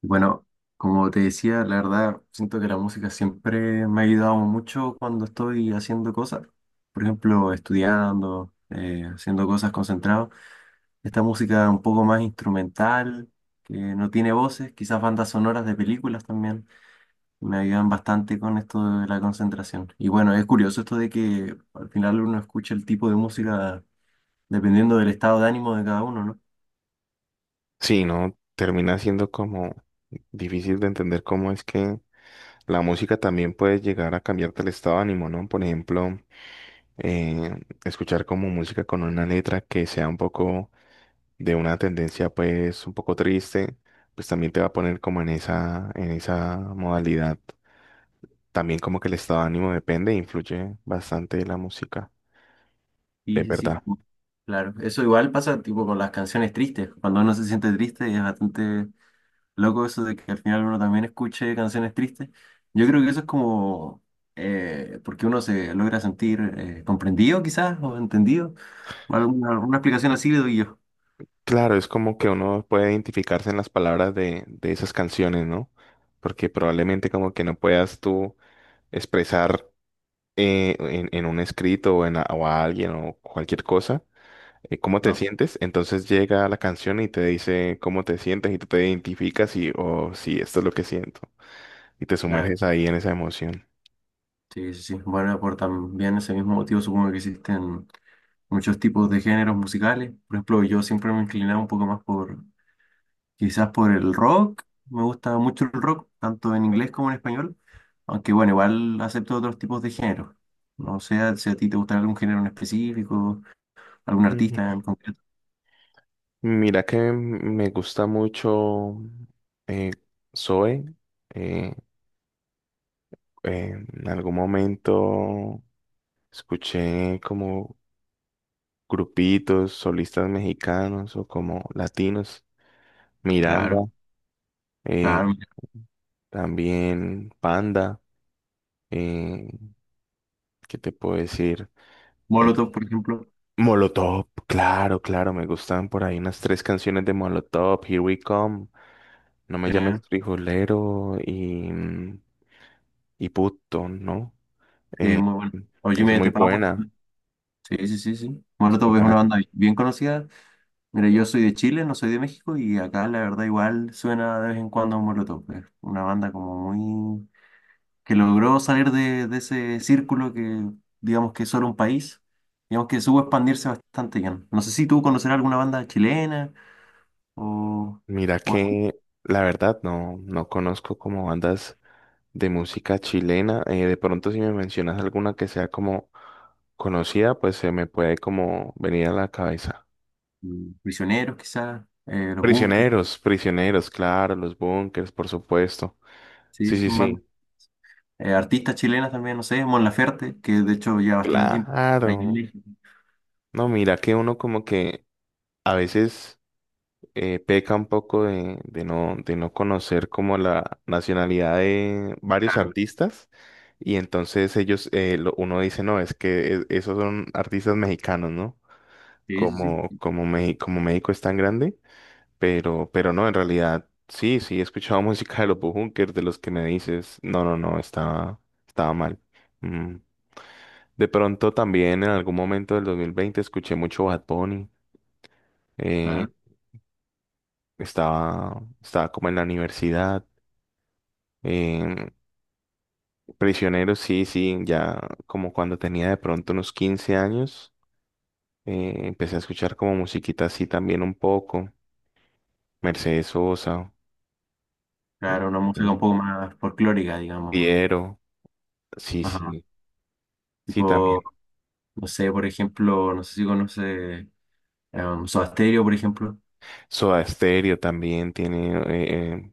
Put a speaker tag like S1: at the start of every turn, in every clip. S1: Bueno, como te decía, la verdad, siento que la música siempre me ha ayudado mucho cuando estoy haciendo cosas. Por ejemplo, estudiando, haciendo cosas concentrado. Esta música un poco más instrumental, que no tiene voces, quizás bandas sonoras de películas también, me ayudan bastante con esto de la concentración. Y bueno, es curioso esto de que al final uno escucha el tipo de música dependiendo del estado de ánimo de cada uno, ¿no?
S2: Sí, ¿no? Termina siendo como difícil de entender cómo es que la música también puede llegar a cambiarte el estado de ánimo, ¿no? Por ejemplo, eh, escuchar como música con una letra que sea un poco de una tendencia pues un poco triste, pues también te va a poner como en esa modalidad. También como que el estado de ánimo depende e influye bastante de la música,
S1: Sí,
S2: es
S1: sí,
S2: verdad.
S1: sí. Claro, eso igual pasa tipo con las canciones tristes. Cuando uno se siente triste es bastante loco eso de que al final uno también escuche canciones tristes. Yo creo que eso es como porque uno se logra sentir comprendido quizás o entendido. Alguna explicación así le doy yo.
S2: Claro, es como que uno puede identificarse en las palabras de esas canciones, ¿no? Porque probablemente como que no puedas tú expresar en un escrito o, en, a o a alguien o cualquier cosa cómo te
S1: No,
S2: sientes. Entonces llega la canción y te dice cómo te sientes y tú te identificas y, oh, sí, esto es lo que siento. Y te
S1: claro.
S2: sumerges ahí en esa emoción.
S1: Sí, sí, sí. Bueno, por también ese mismo motivo supongo que existen muchos tipos de géneros musicales. Por ejemplo, yo siempre me inclinaba un poco más por quizás por el rock. Me gusta mucho el rock, tanto en inglés como en español, aunque bueno, igual acepto otros tipos de géneros. No sé si a ti te gusta algún género en específico, algún
S2: Ujú.
S1: artista en concreto.
S2: Mira que me gusta mucho eh, Zoe. eh, en algún momento, escuché como grupitos, solistas mexicanos o como latinos, Miranda,
S1: Claro,
S2: eh,
S1: claro. Mira,
S2: también Panda, eh, ¿qué te puedo decir? En-
S1: Molotov, por ejemplo.
S2: Molotov, claro, claro, me gustan por ahí unas tres canciones de Molotov, Here We Come, No me
S1: eh,
S2: llames frijolero y, y puto, ¿no?
S1: sí,
S2: Eh,
S1: muy bueno. O Jimmy
S2: es
S1: Eat
S2: muy
S1: the Power.
S2: buena,
S1: Sí, sí, sí, sí.
S2: es muy
S1: Molotov es una
S2: buena.
S1: banda bien conocida. Mira, yo soy de Chile, no soy de México, y acá la verdad igual suena de vez en cuando Molotov. Es una banda como muy que logró salir de ese círculo que digamos que es solo un país, digamos que supo expandirse bastante bien. No sé si tú conocerás alguna banda chilena o,
S2: Mira
S1: o así.
S2: que la verdad no conozco como bandas de música chilena. De pronto si me mencionas alguna que sea como conocida, pues se me puede como venir a la cabeza.
S1: Prisioneros quizás, Los Bunkers,
S2: Prisioneros, claro, los bunkers, por supuesto.
S1: sí,
S2: Sí, sí,
S1: son bandas.
S2: sí,
S1: Artistas chilenas también, no sé, Mon Laferte, que de hecho lleva bastante tiempo ahí en
S2: claro.
S1: México.
S2: No, mira que uno como que a veces peca un poco de no conocer como la nacionalidad de varios
S1: Claro,
S2: artistas. Y entonces ellos, uno dice, no, es que esos son artistas mexicanos, ¿no?
S1: sí, sí, sí,
S2: Como,
S1: sí,
S2: como México es tan grande, pero no, en realidad, sí, sí, he escuchado música de los Bunkers, de los que me dices, no, no, no, estaba, estaba mal. Mm. De pronto también en algún momento del 2020 escuché mucho Bad Bunny, eh,
S1: claro.
S2: estaba, estaba como en la universidad. Eh, Prisionero, sí, sí, ya como cuando tenía de pronto unos 15 años, empecé a escuchar como musiquita así también un poco, Mercedes Sosa, eh,
S1: Claro, una música un
S2: eh,
S1: poco más folclórica, digamos.
S2: Piero, sí,
S1: Ajá.
S2: sí, sí,
S1: Tipo,
S2: también.
S1: no sé, por ejemplo, no sé si conoce Soda Stereo, por ejemplo.
S2: Soda Stereo también tiene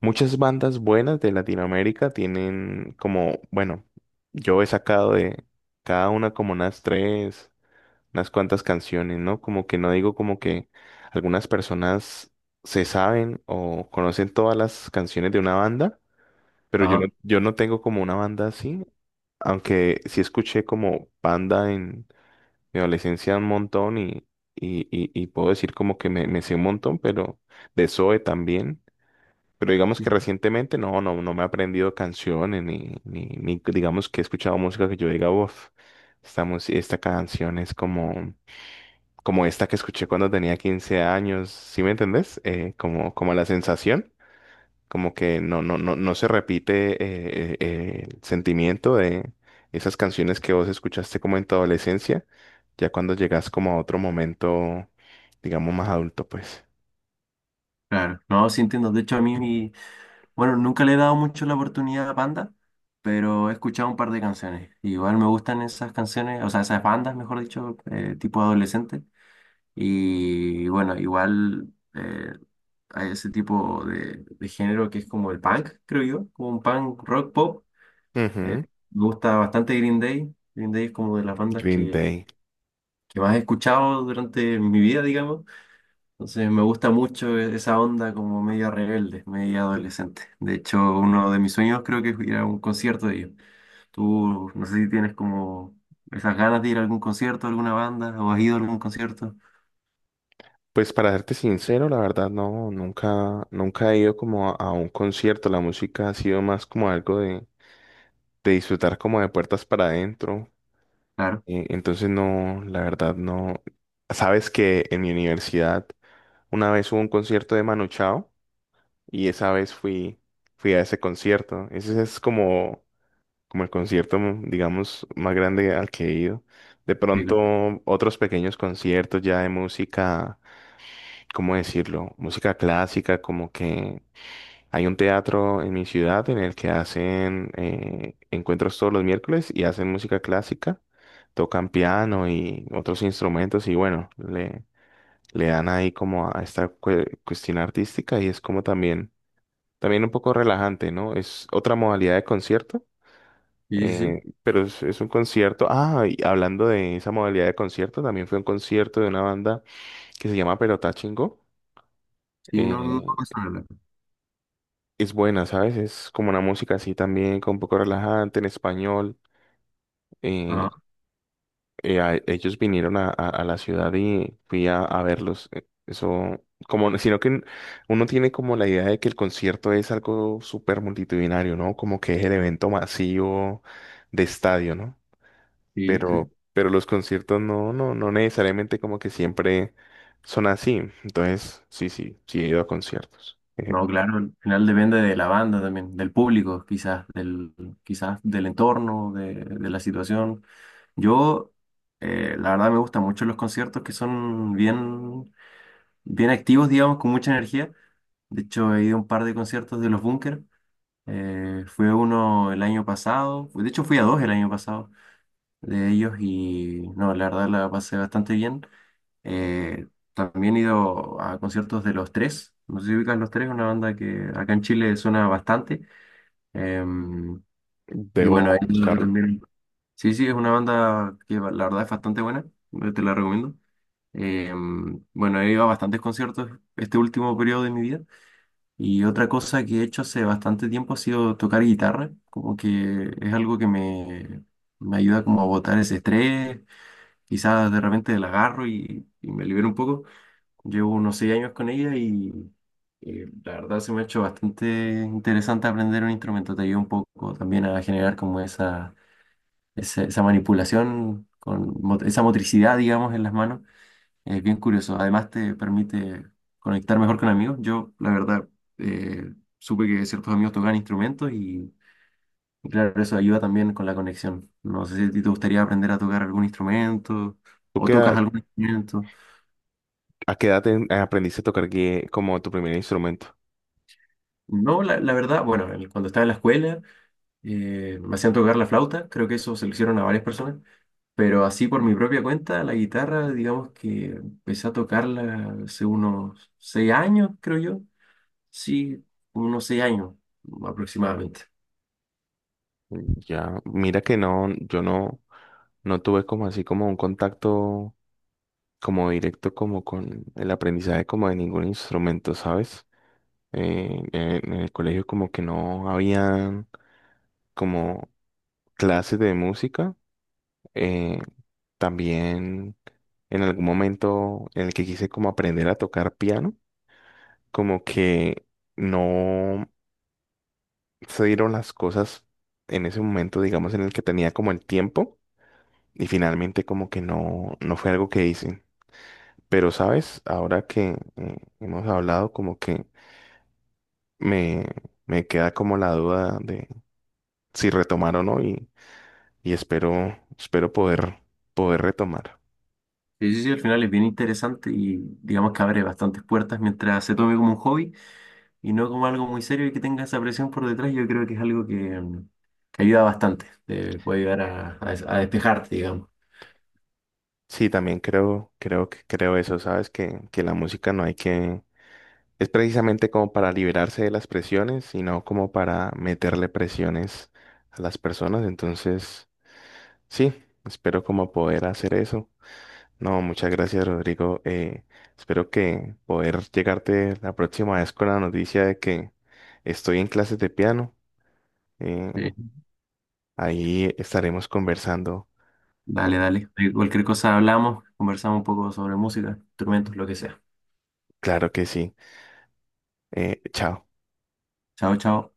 S2: muchas bandas buenas de Latinoamérica, tienen como, bueno, yo he sacado de cada una como unas tres, unas cuantas canciones, ¿no? Como que no digo como que algunas personas se saben o conocen todas las canciones de una banda, pero yo no,
S1: Ajá.
S2: yo no tengo como una banda así, aunque sí escuché como banda en Me adolescencia un montón y puedo decir como que me sé un montón, pero de Zoe también. Pero digamos que recientemente no, no, no me he aprendido canciones ni digamos que he escuchado música que yo diga, uff, esta canción es como, como esta que escuché cuando tenía 15 años, ¿sí me entendés? Como, como la sensación como que no se repite el sentimiento de esas canciones que vos escuchaste como en tu adolescencia, ya cuando llegas como a otro momento, digamos, más adulto, pues.
S1: Claro, no, sí entiendo. De hecho, a mí, bueno, nunca le he dado mucho la oportunidad a Panda, pero he escuchado un par de canciones. Igual me gustan esas canciones, o sea, esas bandas, mejor dicho, tipo adolescente. Y bueno, igual hay ese tipo de género que es como el punk, creo yo, como un punk rock pop. Eh,
S2: Ujú,
S1: Me gusta bastante Green Day. Green Day es como de las bandas
S2: Green Day.
S1: que más he escuchado durante mi vida, digamos. Entonces me gusta mucho esa onda como media rebelde, media adolescente. De hecho, uno de mis sueños creo que es ir a un concierto de ellos. Tú, no sé si tienes como esas ganas de ir a algún concierto, alguna banda, o has ido a algún concierto.
S2: Pues para serte sincero, la verdad no, nunca, nunca he ido como a un concierto. La música ha sido más como algo de disfrutar como de puertas para adentro.
S1: Claro,
S2: Entonces no, la verdad no. Sabes que en mi universidad una vez hubo un concierto de Manu Chao, y esa vez fui a ese concierto. Ese es como, como el concierto, digamos, más grande al que he ido. De
S1: sí,
S2: pronto,
S1: claro,
S2: otros pequeños conciertos ya de música, ¿cómo decirlo? Música clásica, como que hay un teatro en mi ciudad en el que hacen encuentros todos los miércoles y hacen música clásica. Tocan piano y otros instrumentos y bueno, le dan ahí como a esta cuestión artística y es como también un poco relajante, ¿no? Es otra modalidad de concierto,
S1: sí, sí, sí.
S2: pero es un concierto. Ah, y hablando de esa modalidad de concierto, también fue un concierto de una banda que se llama Perotá Chingó.
S1: Sí, no, no, no
S2: Eh,
S1: me suena
S2: es buena, ¿sabes? Es como una música así también, con un poco relajante en español. Eh,
S1: ajá,
S2: Ellos vinieron a la ciudad y fui a verlos. Eso, como, uno tiene como la idea de que el concierto es algo súper multitudinario, ¿no? Como que es el evento masivo de estadio, ¿no?
S1: sí, sí.
S2: Pero los conciertos no, no, no necesariamente como que siempre son así. Entonces, sí, sí, sí he ido a conciertos.
S1: No, claro, al final depende de la banda también, del público, quizás del entorno, de la situación. Yo, la verdad, me gustan mucho los conciertos que son bien bien activos, digamos, con mucha energía. De hecho, he ido a un par de conciertos de Los Bunkers. Fui a uno el año pasado, de hecho fui a dos el año pasado de ellos y no, la verdad la pasé bastante bien. Eh, También he ido a conciertos de Los Tres, no sé si ubicas Los Tres, una banda que acá en Chile suena bastante. Em, y
S2: Debo
S1: bueno, he ido yo
S2: buscarlo.
S1: también, sí, sí, es una banda que la verdad es bastante buena, te la recomiendo. Bueno, he ido a bastantes conciertos este último periodo de mi vida. Y otra cosa que he hecho hace bastante tiempo ha sido tocar guitarra, como que es algo que me ayuda como a botar ese estrés, quizás de repente la agarro y me libero un poco. Llevo unos 6 años con ella y, la verdad se me ha hecho bastante interesante aprender un instrumento, te ayuda un poco también a generar como esa manipulación, con esa motricidad, digamos, en las manos es bien curioso. Además te permite conectar mejor con amigos. Yo, la verdad, supe que ciertos amigos tocan instrumentos y claro, eso ayuda también con la conexión. No sé si a ti te gustaría aprender a tocar algún instrumento
S2: ¿Tú
S1: o
S2: qué,
S1: tocas algún instrumento.
S2: a qué edad aprendiste a tocar como tu primer instrumento?
S1: No, la verdad, bueno, cuando estaba en la escuela me hacían tocar la flauta. Creo que eso se lo hicieron a varias personas. Pero así por mi propia cuenta, la guitarra, digamos que empecé a tocarla hace unos 6 años, creo yo. Sí, unos 6 años aproximadamente.
S2: Ya, mira que no, yo no, no tuve como así como un contacto como directo como con el aprendizaje como de ningún instrumento, ¿sabes? En el colegio como que no habían como clases de música. eh, También en algún momento en el que quise como aprender a tocar piano, como que no se dieron las cosas en ese momento, digamos, en el que tenía como el tiempo. Y finalmente como que no, no fue algo que hice. Pero, ¿sabes? Ahora que hemos hablado, como que me, me queda como la duda de si retomar o no y, y espero poder retomar.
S1: Sí, sí, sí, al final es bien interesante y digamos que abre bastantes puertas mientras se tome como un hobby y no como algo muy serio y que tenga esa presión por detrás. Yo creo que es algo que, mm, que ayuda bastante, te puede ayudar a, a despejarte, digamos.
S2: Sí, también creo eso, ¿sabes? Que la música no hay que... Es precisamente como para liberarse de las presiones, sino como para meterle presiones a las personas. Entonces, sí, espero como poder hacer eso. No, muchas gracias, Rodrigo. Espero que poder llegarte la próxima vez con la noticia de que estoy en clases de piano. Eh,
S1: Sí.
S2: Ahí estaremos conversando.
S1: Dale, dale. De cualquier cosa hablamos, conversamos un poco sobre música, instrumentos, lo que sea.
S2: Claro que sí. Chao.
S1: Chao, chao.